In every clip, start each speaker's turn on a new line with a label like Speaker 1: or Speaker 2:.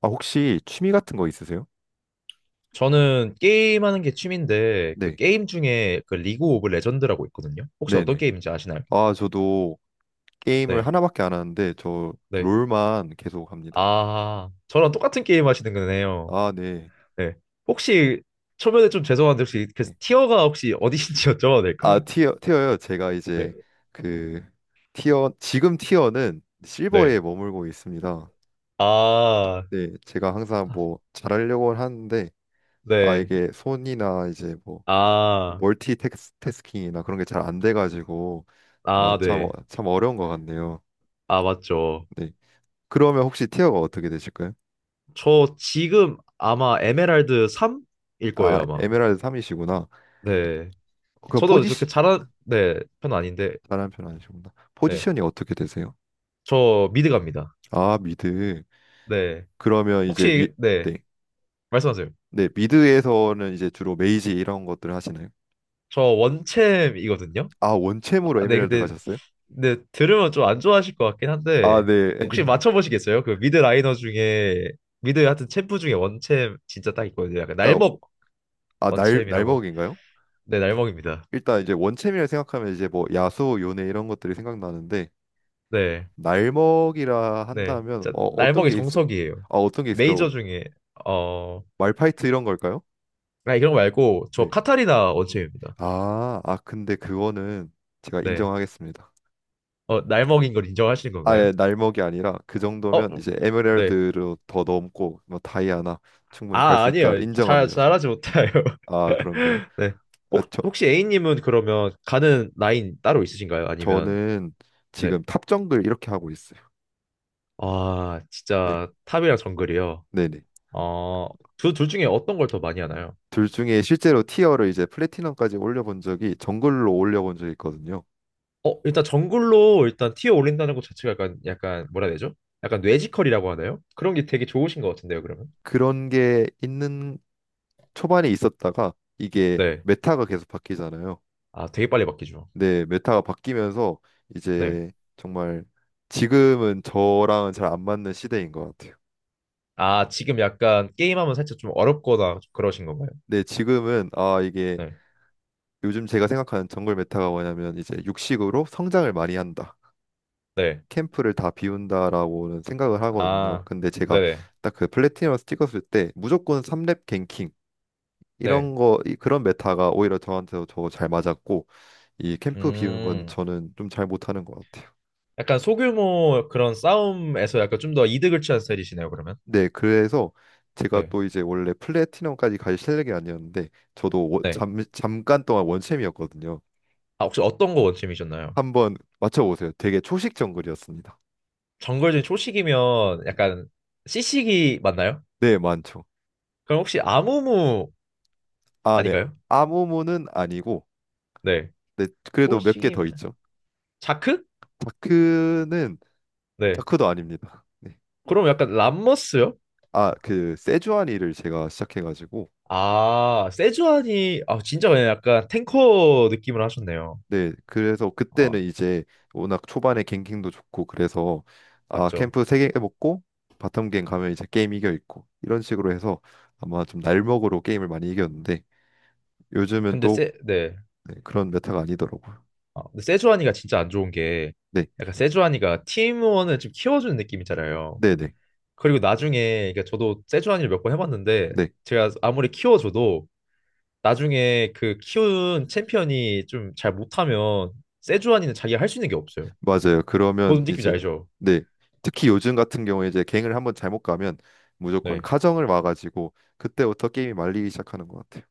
Speaker 1: 아, 혹시 취미 같은 거 있으세요?
Speaker 2: 저는 게임하는 게 취미인데 그
Speaker 1: 네,
Speaker 2: 게임 중에 그 리그 오브 레전드라고 있거든요. 혹시 어떤
Speaker 1: 네네.
Speaker 2: 게임인지 아시나요?
Speaker 1: 아, 저도 게임을
Speaker 2: 네,
Speaker 1: 하나밖에 안 하는데, 저
Speaker 2: 네.
Speaker 1: 롤만 계속 합니다.
Speaker 2: 아, 저랑 똑같은 게임 하시는 거네요.
Speaker 1: 아, 네.
Speaker 2: 네. 혹시 초면에 좀 죄송한데 혹시 그
Speaker 1: 네.
Speaker 2: 티어가 혹시 어디신지 여쭤봐도 될까요?
Speaker 1: 아, 티어, 티어요. 제가
Speaker 2: 네,
Speaker 1: 이제 그 티어, 지금 티어는 실버에
Speaker 2: 네.
Speaker 1: 머물고 있습니다.
Speaker 2: 아,
Speaker 1: 네, 제가 항상 뭐 잘하려고 하는데, 아,
Speaker 2: 네.
Speaker 1: 이게 손이나 이제 뭐
Speaker 2: 아,
Speaker 1: 멀티태스킹이나 그런 게 잘 안 돼가지고, 아,
Speaker 2: 아,
Speaker 1: 참,
Speaker 2: 네.
Speaker 1: 참 어려운 것 같네요.
Speaker 2: 아, 맞죠.
Speaker 1: 네. 그러면 혹시 티어가 어떻게 되실까요?
Speaker 2: 저 지금 아마 에메랄드 3일
Speaker 1: 아,
Speaker 2: 거예요, 아마.
Speaker 1: 에메랄드 3이시구나.
Speaker 2: 네.
Speaker 1: 그럼
Speaker 2: 저도 그렇게
Speaker 1: 포지션
Speaker 2: 잘한 네, 편은 아닌데.
Speaker 1: 잘하는 편 아니시구나.
Speaker 2: 네.
Speaker 1: 포지션이 어떻게 되세요?
Speaker 2: 저 미드 갑니다.
Speaker 1: 아, 미드.
Speaker 2: 네.
Speaker 1: 그러면 이제 미
Speaker 2: 혹시, 네.
Speaker 1: 네.
Speaker 2: 말씀하세요.
Speaker 1: 네, 미드에서는 이제 주로 메이지 이런 것들 을 하시나요?
Speaker 2: 저 원챔이거든요.
Speaker 1: 아, 원챔으로
Speaker 2: 아, 네,
Speaker 1: 에메랄드
Speaker 2: 근데,
Speaker 1: 가셨어요?
Speaker 2: 네, 들으면 좀 안 좋아하실 것 같긴
Speaker 1: 아,
Speaker 2: 한데,
Speaker 1: 네.
Speaker 2: 혹시 맞춰보시겠어요? 그 미드 라이너 중에, 미드 하여튼 챔프 중에 원챔 진짜 딱 있거든요. 약간
Speaker 1: 일단
Speaker 2: 날먹
Speaker 1: 아, 날
Speaker 2: 원챔이라고.
Speaker 1: 날먹인가요?
Speaker 2: 네, 날먹입니다.
Speaker 1: 일단 이제 원챔이라 생각하면 이제 뭐 야수, 요네 이런 것들이 생각나는데
Speaker 2: 네,
Speaker 1: 날먹이라
Speaker 2: 네.
Speaker 1: 한다면
Speaker 2: 진짜
Speaker 1: 어, 어떤
Speaker 2: 날먹이
Speaker 1: 게 있어요?
Speaker 2: 정석이에요.
Speaker 1: 아, 어떤 게 있을까요?
Speaker 2: 메이저 중에, 어,
Speaker 1: 말파이트 이런 걸까요?
Speaker 2: 아, 이런 거 말고, 저
Speaker 1: 네.
Speaker 2: 카타리나 원챔입니다.
Speaker 1: 아, 아 근데 그거는 제가
Speaker 2: 네.
Speaker 1: 인정하겠습니다.
Speaker 2: 날먹인 걸 인정하시는 건가요?
Speaker 1: 아예 날먹이 아니라 그
Speaker 2: 어,
Speaker 1: 정도면 이제
Speaker 2: 네.
Speaker 1: 에메랄드로 더 넘고 뭐 다이아나 충분히 갈
Speaker 2: 아,
Speaker 1: 수 있다
Speaker 2: 아니에요. 잘,
Speaker 1: 인정합니다. 저는.
Speaker 2: 잘하지 못해요.
Speaker 1: 아 그런가요?
Speaker 2: 네.
Speaker 1: 아,
Speaker 2: 혹,
Speaker 1: 저
Speaker 2: 혹시 A님은 그러면 가는 라인 따로 있으신가요? 아니면,
Speaker 1: 저는
Speaker 2: 네.
Speaker 1: 지금 탑 정글 이렇게 하고 있어요.
Speaker 2: 아,
Speaker 1: 네,
Speaker 2: 진짜 탑이랑 정글이요.
Speaker 1: 네네.
Speaker 2: 어, 둘 중에 어떤 걸 더 많이 하나요?
Speaker 1: 둘 중에 실제로 티어를 이제 플래티넘까지 올려본 적이 정글로 올려본 적이 있거든요.
Speaker 2: 일단 정글로 일단 티어 올린다는 것 자체가 약간, 약간, 뭐라 해야 되죠? 약간 뇌지컬이라고 하나요? 그런 게 되게 좋으신 것 같은데요, 그러면?
Speaker 1: 그런 게 있는 초반에 있었다가 이게
Speaker 2: 네.
Speaker 1: 메타가 계속 바뀌잖아요.
Speaker 2: 아, 되게 빨리 바뀌죠.
Speaker 1: 네, 메타가 바뀌면서
Speaker 2: 네.
Speaker 1: 이제 정말 지금은 저랑은 잘 안 맞는 시대인 것 같아요.
Speaker 2: 아, 지금 약간 게임하면 살짝 좀 어렵거나 그러신 건가요?
Speaker 1: 네, 지금은 아 이게
Speaker 2: 네.
Speaker 1: 요즘 제가 생각하는 정글 메타가 뭐냐면 이제 육식으로 성장을 많이 한다.
Speaker 2: 네.
Speaker 1: 캠프를 다 비운다라고는 생각을 하거든요.
Speaker 2: 아,
Speaker 1: 근데 제가
Speaker 2: 네네.
Speaker 1: 딱 그 플래티넘에서 찍었을 때 무조건 3렙 갱킹
Speaker 2: 네.
Speaker 1: 이런 거 그런 메타가 오히려 저한테도 더 잘 맞았고 이 캠프 비우는 건
Speaker 2: 음.
Speaker 1: 저는 좀 잘 못하는 것 같아요.
Speaker 2: 약간 소규모 그런 싸움에서 약간 좀 더 이득을 취한 스타일이시네요, 그러면.
Speaker 1: 네, 그래서 제가
Speaker 2: 네.
Speaker 1: 또 이제 원래 플래티넘까지 갈 실력이 아니었는데 저도 워-
Speaker 2: 네.
Speaker 1: 잠, 잠깐 동안 원챔이었거든요.
Speaker 2: 아, 혹시 어떤 거 원팀이셨나요?
Speaker 1: 한번 맞춰보세요. 되게 초식 정글이었습니다.
Speaker 2: 정글진 초식이면 약간 CC기 맞나요?
Speaker 1: 네, 많죠.
Speaker 2: 그럼 혹시 아무무
Speaker 1: 아, 네.
Speaker 2: 아닌가요?
Speaker 1: 아모모는 아니고,
Speaker 2: 네.
Speaker 1: 네, 그래도 몇 개
Speaker 2: 초식이면
Speaker 1: 더 있죠.
Speaker 2: 자크?
Speaker 1: 다크는
Speaker 2: 네.
Speaker 1: 다크도 아닙니다. 네.
Speaker 2: 그럼 약간 람머스요?
Speaker 1: 아, 그 세주아니를 제가 시작해가지고,
Speaker 2: 아, 세주안이 아 진짜 그냥 약간 탱커 느낌을 하셨네요.
Speaker 1: 네, 그래서 그때는
Speaker 2: 아,
Speaker 1: 이제 워낙 초반에 갱킹도 좋고 그래서 아
Speaker 2: 맞죠.
Speaker 1: 캠프 세 개 먹고 바텀 갱 가면 이제 게임 이겨 있고 이런 식으로 해서 아마 좀 날먹으로 게임을 많이 이겼는데 요즘은
Speaker 2: 근데
Speaker 1: 또
Speaker 2: 세 네.
Speaker 1: 네, 그런 메타가 아니더라고요.
Speaker 2: 아, 근데 세주안이가 진짜 안 좋은 게
Speaker 1: 네,
Speaker 2: 약간 세주안이가 팀원을 좀 키워주는 느낌이잖아요.
Speaker 1: 네, 네,
Speaker 2: 그리고 나중에 그러니까 저도 세주환이를 몇 번 해봤는데
Speaker 1: 네.
Speaker 2: 제가 아무리 키워줘도 나중에 그 키운 챔피언이 좀 잘 못하면 세주환이는 자기가 할 수 있는 게 없어요.
Speaker 1: 맞아요. 그러면
Speaker 2: 뭔 느낌인지
Speaker 1: 이제
Speaker 2: 알죠?
Speaker 1: 네. 특히 요즘 같은 경우에 이제 갱을 한번 잘못 가면 무조건
Speaker 2: 네.
Speaker 1: 카정을 와가지고 그때부터 게임이 말리기 시작하는 것 같아요.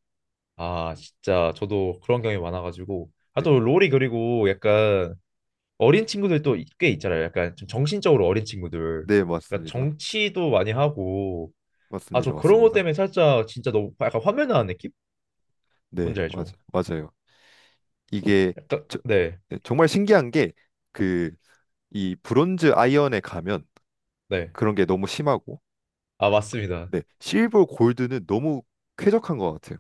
Speaker 2: 아 진짜 저도 그런 경험이 많아가지고 아
Speaker 1: 네.
Speaker 2: 또 롤이 그리고 약간 어린 친구들 또 꽤 있잖아요. 약간 좀 정신적으로 어린 친구들.
Speaker 1: 네,
Speaker 2: 그러니까
Speaker 1: 맞습니다.
Speaker 2: 정치도 많이 하고 아 저
Speaker 1: 맞습니다.
Speaker 2: 그런 것
Speaker 1: 맞습니다.
Speaker 2: 때문에 살짝 진짜 너무 약간 화면 나는 느낌? 뭔지
Speaker 1: 네, 맞아.
Speaker 2: 알죠?
Speaker 1: 맞아요. 이게
Speaker 2: 약간
Speaker 1: 저-
Speaker 2: 네
Speaker 1: 네, 정말 신기한 게 그 이 브론즈 아이언에 가면
Speaker 2: 네.
Speaker 1: 그런 게 너무 심하고
Speaker 2: 아 맞습니다.
Speaker 1: 네, 실버 골드는 너무 쾌적한 것 같아요.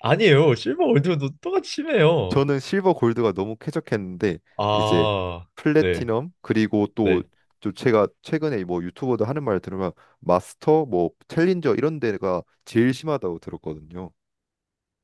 Speaker 2: 아니에요. 실버 월드도 똑같이 심해요.
Speaker 1: 저는 실버 골드가 너무 쾌적했는데 이제
Speaker 2: 아, 네,
Speaker 1: 플래티넘 그리고 또
Speaker 2: 네.
Speaker 1: 좀 제가 최근에 뭐 유튜버들 하는 말을 들으면 마스터 뭐 챌린저 이런 데가 제일 심하다고 들었거든요.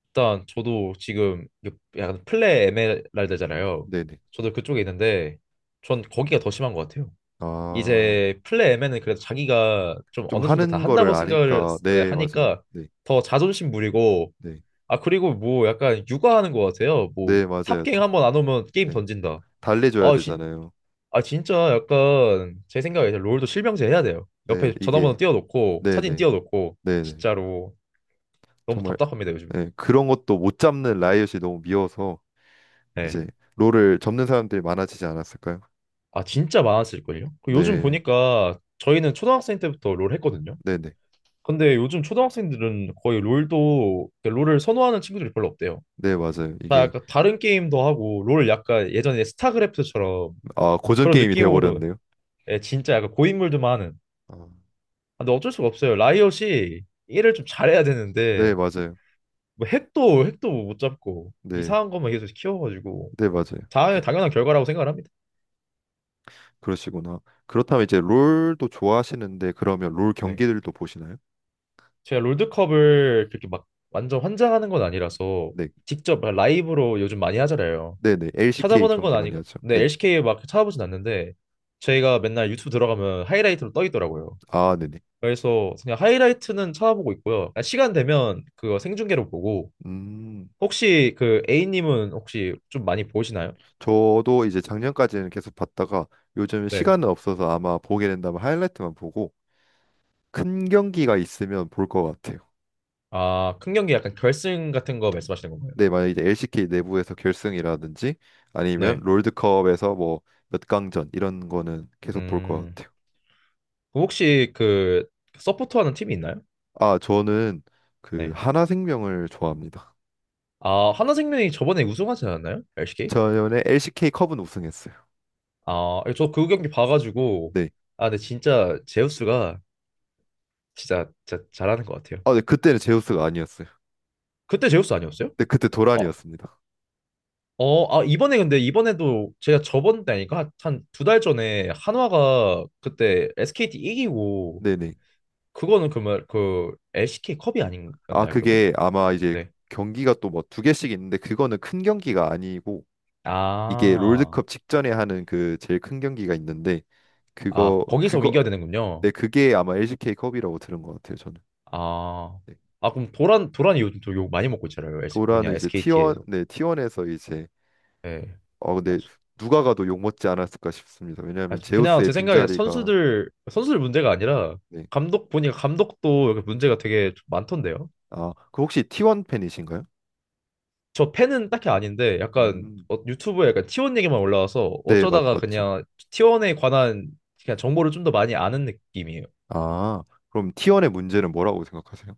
Speaker 2: 일단 저도 지금 요- 약간 플레 에메랄드잖아요.
Speaker 1: 네네.
Speaker 2: 저도 그쪽에 있는데 전 거기가 더 심한 것 같아요.
Speaker 1: 아,
Speaker 2: 이제 플레 에메는 그래도 자기가 좀
Speaker 1: 좀
Speaker 2: 어느 정도 다
Speaker 1: 하는 거를
Speaker 2: 한다고 생각을
Speaker 1: 아니까
Speaker 2: 네,
Speaker 1: 네, 맞아요.
Speaker 2: 하니까
Speaker 1: 네.
Speaker 2: 더 자존심 부리고
Speaker 1: 네.
Speaker 2: 아 그리고 뭐 약간 육아하는 것 같아요. 뭐
Speaker 1: 네, 맞아요.
Speaker 2: 탑갱
Speaker 1: 다-
Speaker 2: 한번 안 오면 게임
Speaker 1: 네.
Speaker 2: 던진다.
Speaker 1: 달래줘야
Speaker 2: 아
Speaker 1: 되잖아요.
Speaker 2: 아 진짜 약간 제 생각에 이제 롤도 실명제 해야 돼요.
Speaker 1: 네,
Speaker 2: 옆에 전화번호
Speaker 1: 이게
Speaker 2: 띄워놓고 사진
Speaker 1: 네네.
Speaker 2: 띄워놓고
Speaker 1: 네네.
Speaker 2: 진짜로 너무
Speaker 1: 정말
Speaker 2: 답답합니다 요즘.
Speaker 1: 네, 그런 것도 못 잡는 라이엇이 너무 미워서
Speaker 2: 네.
Speaker 1: 이제 롤을 접는 사람들이 많아지지 않았을까요?
Speaker 2: 아 진짜 많았을걸요? 그 요즘
Speaker 1: 네.
Speaker 2: 보니까 저희는 초등학생 때부터 롤 했거든요.
Speaker 1: 네네.
Speaker 2: 근데 요즘 초등학생들은 거의 롤도 그 롤을 선호하는 친구들이 별로 없대요.
Speaker 1: 네, 맞아요.
Speaker 2: 다
Speaker 1: 이게
Speaker 2: 약간 다른 게임도 하고 롤 약간 예전에 스타크래프트처럼
Speaker 1: 아, 고전
Speaker 2: 그런
Speaker 1: 게임이 돼
Speaker 2: 느낌으로
Speaker 1: 버렸네요.
Speaker 2: 예, 진짜 약간 고인물들만 하는.
Speaker 1: 아,
Speaker 2: 아, 근데 어쩔 수가 없어요. 라이엇이 일을 좀 잘해야
Speaker 1: 네,
Speaker 2: 되는데
Speaker 1: 맞아요.
Speaker 2: 뭐 핵도 뭐 못 잡고
Speaker 1: 네.
Speaker 2: 이상한 것만 계속 키워가지고
Speaker 1: 네, 맞아요.
Speaker 2: 다 당연한 결과라고 생각을 합니다.
Speaker 1: 그러시구나. 그렇다면 이제 롤도 좋아하시는데 그러면 롤
Speaker 2: 네.
Speaker 1: 경기들도 보시나요?
Speaker 2: 제가 롤드컵을 그렇게 막 완전 환장하는 건 아니라서
Speaker 1: 네.
Speaker 2: 직접 라이브로 요즘 많이 하잖아요.
Speaker 1: 네네. LCK
Speaker 2: 찾아보는 건
Speaker 1: 경기 많이
Speaker 2: 아니고
Speaker 1: 하죠.
Speaker 2: 네,
Speaker 1: 네.
Speaker 2: LCK 막 찾아보진 않는데 저희가 맨날 유튜브 들어가면 하이라이트로 떠 있더라고요.
Speaker 1: 아, 네네.
Speaker 2: 그래서 그냥 하이라이트는 찾아보고 있고요. 그냥 시간 되면 그거 생중계로 보고
Speaker 1: 음.
Speaker 2: 혹시 그 A님은 혹시 좀 많이 보시나요?
Speaker 1: 저도 이제 작년까지는 계속 봤다가 요즘
Speaker 2: 네.
Speaker 1: 시간은 없어서 아마 보게 된다면 하이라이트만 보고 큰 경기가 있으면 볼 것 같아요.
Speaker 2: 아, 큰 경기 약간 결승 같은 거 말씀하시는 건가요?
Speaker 1: 네, 만약 이제 LCK 내부에서 결승이라든지 아니면
Speaker 2: 네.
Speaker 1: 롤드컵에서 뭐 몇 강전 이런 거는 계속 볼 것
Speaker 2: 음,
Speaker 1: 같아요.
Speaker 2: 그럼 혹시 그 서포터하는 팀이 있나요?
Speaker 1: 아, 저는 그
Speaker 2: 네.
Speaker 1: 하나생명을 좋아합니다.
Speaker 2: 아, 하나생명이 저번에 우승하지 않았나요? LCK?
Speaker 1: 전에 LCK 컵은 우승했어요.
Speaker 2: 아, 예, 저그 경기 봐가지고
Speaker 1: 네.
Speaker 2: 아, 근데 진짜 제우스가 진짜, 진짜 잘하는 것 같아요.
Speaker 1: 아, 네, 그때는 제우스가 아니었어요.
Speaker 2: 그때 제우스 아니었어요?
Speaker 1: 네, 그때
Speaker 2: 어,
Speaker 1: 도란이었습니다.
Speaker 2: 아 이번에 근데 이번에도 제가 저번 때 아니까 한 두 달 전에 한화가 그때 SKT 이기고
Speaker 1: 네네.
Speaker 2: 그거는 그러면 그 LCK 컵이
Speaker 1: 아,
Speaker 2: 아닌가요 그러면?
Speaker 1: 그게 아마 이제
Speaker 2: 네.
Speaker 1: 경기가 또 뭐 두 개씩 있는데 그거는 큰 경기가 아니고 이게
Speaker 2: 아,
Speaker 1: 롤드컵 직전에 하는 그 제일 큰 경기가 있는데
Speaker 2: 아
Speaker 1: 그거
Speaker 2: 거기서
Speaker 1: 그거
Speaker 2: 이겨야 되는군요.
Speaker 1: 네, 그게 아마 LCK 컵이라고 들은 것 같아요, 저는.
Speaker 2: 아, 아 그럼 도란이 요즘 또 욕 많이 먹고 있잖아요. S,
Speaker 1: 도라는
Speaker 2: 뭐냐
Speaker 1: 이제 T1,
Speaker 2: SKT에서.
Speaker 1: 네, 티원에서 이제
Speaker 2: 예.
Speaker 1: 어
Speaker 2: 아,
Speaker 1: 근데
Speaker 2: 수-
Speaker 1: 누가 가도 욕먹지 않았을까 싶습니다.
Speaker 2: 아,
Speaker 1: 왜냐하면
Speaker 2: 그냥
Speaker 1: 제우스의
Speaker 2: 제 생각에
Speaker 1: 빈자리가
Speaker 2: 선수들 문제가 아니라
Speaker 1: 네.
Speaker 2: 감독 보니까 감독도 이렇게 문제가 되게 좀 많던데요.
Speaker 1: 아, 그 혹시 T1 팬이신가요?
Speaker 2: 저 팬은 딱히 아닌데 약간
Speaker 1: 음.
Speaker 2: 유튜브에 약간 T1 얘기만 올라와서
Speaker 1: 네, 맞
Speaker 2: 어쩌다가
Speaker 1: 맞죠.
Speaker 2: 그냥 T1에 관한 그냥 정보를 좀 더 많이 아는 느낌이에요.
Speaker 1: 아, 그럼 T1의 문제는 뭐라고 생각하세요?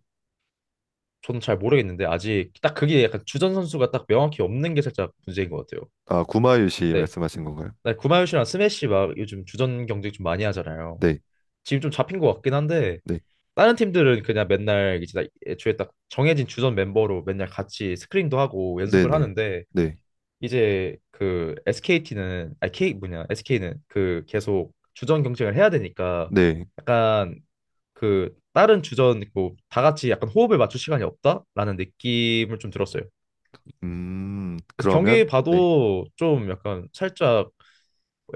Speaker 2: 저는 잘 모르겠는데 아직 딱 그게 약간 주전 선수가 딱 명확히 없는 게 살짝 문제인 것 같아요.
Speaker 1: 아, 구마유 씨
Speaker 2: 네.
Speaker 1: 말씀하신 건가요?
Speaker 2: 나 구마유시랑 스매시 막 요즘 주전 경쟁 좀 많이 하잖아요.
Speaker 1: 네.
Speaker 2: 지금 좀 잡힌 것 같긴 한데
Speaker 1: 네.
Speaker 2: 다른 팀들은 그냥 맨날 이제 다 애초에 딱 정해진 주전 멤버로 맨날 같이 스크린도 하고
Speaker 1: 네,
Speaker 2: 연습을
Speaker 1: 네.
Speaker 2: 하는데
Speaker 1: 네.
Speaker 2: 이제 그 SKT는 아 K 뭐냐 SK는 그 계속 주전 경쟁을 해야 되니까
Speaker 1: 네.
Speaker 2: 약간 그 다른 주전 뭐 다 같이 약간 호흡을 맞출 시간이 없다라는 느낌을 좀 들었어요. 그래서
Speaker 1: 그러면
Speaker 2: 경기
Speaker 1: 네.
Speaker 2: 봐도 좀 약간 살짝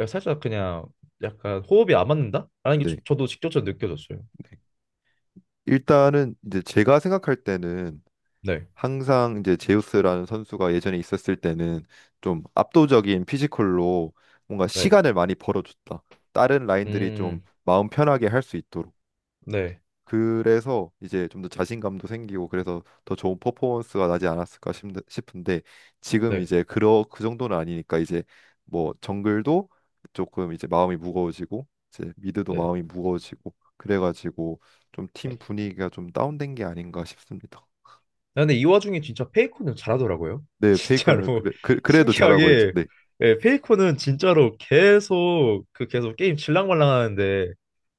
Speaker 2: 살짝 그냥 약간 호흡이 안 맞는다라는 게
Speaker 1: 네.
Speaker 2: 저도 직접적으로 느껴졌어요.
Speaker 1: 네. 일단은 이제 제가 생각할 때는
Speaker 2: 네,
Speaker 1: 항상 이제 제우스라는 선수가 예전에 있었을 때는 좀 압도적인 피지컬로 뭔가
Speaker 2: 네.
Speaker 1: 시간을 많이 벌어줬다. 다른 라인들이 좀
Speaker 2: 음,
Speaker 1: 마음 편하게 할 수 있도록.
Speaker 2: 네,
Speaker 1: 그래서 이제 좀 더 자신감도 생기고 그래서 더 좋은 퍼포먼스가 나지 않았을까 싶은데 지금
Speaker 2: 네,
Speaker 1: 이제 그러 그 정도는 아니니까 이제 뭐 정글도 조금 이제 마음이 무거워지고 이제 미드도
Speaker 2: 네,
Speaker 1: 마음이 무거워지고 그래가지고 좀 팀
Speaker 2: 네.
Speaker 1: 분위기가 좀 다운된 게 아닌가 싶습니다.
Speaker 2: 아, 근데 이 와중에 진짜 페이커는 잘하더라고요.
Speaker 1: 네, 페이커는
Speaker 2: 진짜로
Speaker 1: 그래도 잘하고 있죠.
Speaker 2: 신기하게
Speaker 1: 네,
Speaker 2: 예, 페이커는 진짜로 계속 그 계속 게임 질랑말랑하는데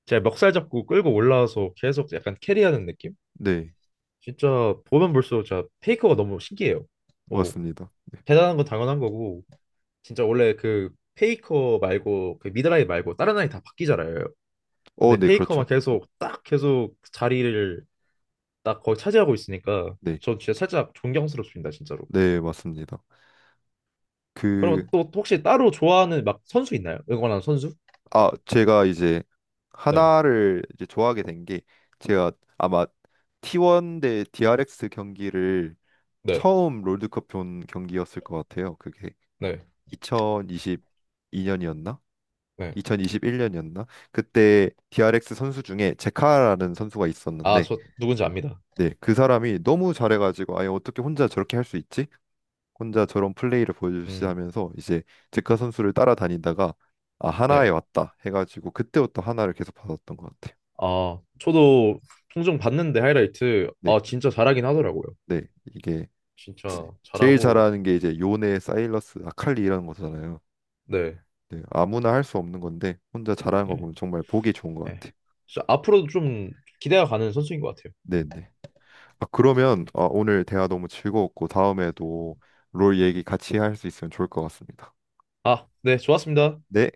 Speaker 2: 제가 멱살 잡고 끌고 올라와서 계속 약간 캐리하는 느낌?
Speaker 1: 네,
Speaker 2: 진짜 보면 볼수록 진짜 페이커가 너무 신기해요. 뭐
Speaker 1: 맞습니다.
Speaker 2: 대단한 건 당연한 거고 진짜 원래 그 페이커 말고 그 미드라인 말고 다른 아이 다 바뀌잖아요.
Speaker 1: 어,
Speaker 2: 근데
Speaker 1: 네, 그렇죠.
Speaker 2: 페이커만
Speaker 1: 네,
Speaker 2: 계속 딱 계속 자리를 나 거의 차지하고 있으니까
Speaker 1: 네,
Speaker 2: 저 진짜 살짝 존경스럽습니다, 진짜로.
Speaker 1: 네, 맞습니다.
Speaker 2: 그럼
Speaker 1: 그,
Speaker 2: 또 혹시 따로 좋아하는 막 선수 있나요? 응원하는 선수?
Speaker 1: 아, 제가 이제
Speaker 2: 네,
Speaker 1: 하나를 이제 좋아하게 된 게 제가 아마 T1 대 DRX 경기를
Speaker 2: 네,
Speaker 1: 처음 롤드컵 본 경기였을 것 같아요. 그게
Speaker 2: 네,
Speaker 1: 2022년이었나?
Speaker 2: 네.
Speaker 1: 2021년이었나? 그때 DRX 선수 중에 제카라는 선수가
Speaker 2: 아,
Speaker 1: 있었는데
Speaker 2: 저 누군지 압니다.
Speaker 1: 네, 그 사람이 너무 잘해가지고 아예 어떻게 혼자 저렇게 할 수 있지? 혼자 저런 플레이를
Speaker 2: 음,
Speaker 1: 보여주시하면서 이제 제카 선수를 따라다니다가 아 하나에
Speaker 2: 네.
Speaker 1: 왔다 해가지고 그때부터 하나를 계속 받았던 것 같아요.
Speaker 2: 아, 저도 종종 봤는데 하이라이트,
Speaker 1: 네,
Speaker 2: 진짜 잘하긴 하더라고요.
Speaker 1: 네 이게 제-
Speaker 2: 진짜
Speaker 1: 제일
Speaker 2: 잘하고,
Speaker 1: 잘하는 게 이제 요네, 사일러스, 아칼리 이라는 거잖아요.
Speaker 2: 네,
Speaker 1: 네, 아무나 할 수 없는 건데 혼자 잘하는 거
Speaker 2: 네,
Speaker 1: 보면 정말 보기 좋은 것
Speaker 2: 네.
Speaker 1: 같아요.
Speaker 2: 진짜 앞으로도 좀 기대가 가는 선수인 것 같아요.
Speaker 1: 네, 네. 아 그러면 아, 오늘 대화 너무 즐거웠고 다음에도 롤 얘기 같이 할 수 있으면 좋을 것 같습니다.
Speaker 2: 아, 네, 좋았습니다.
Speaker 1: 네.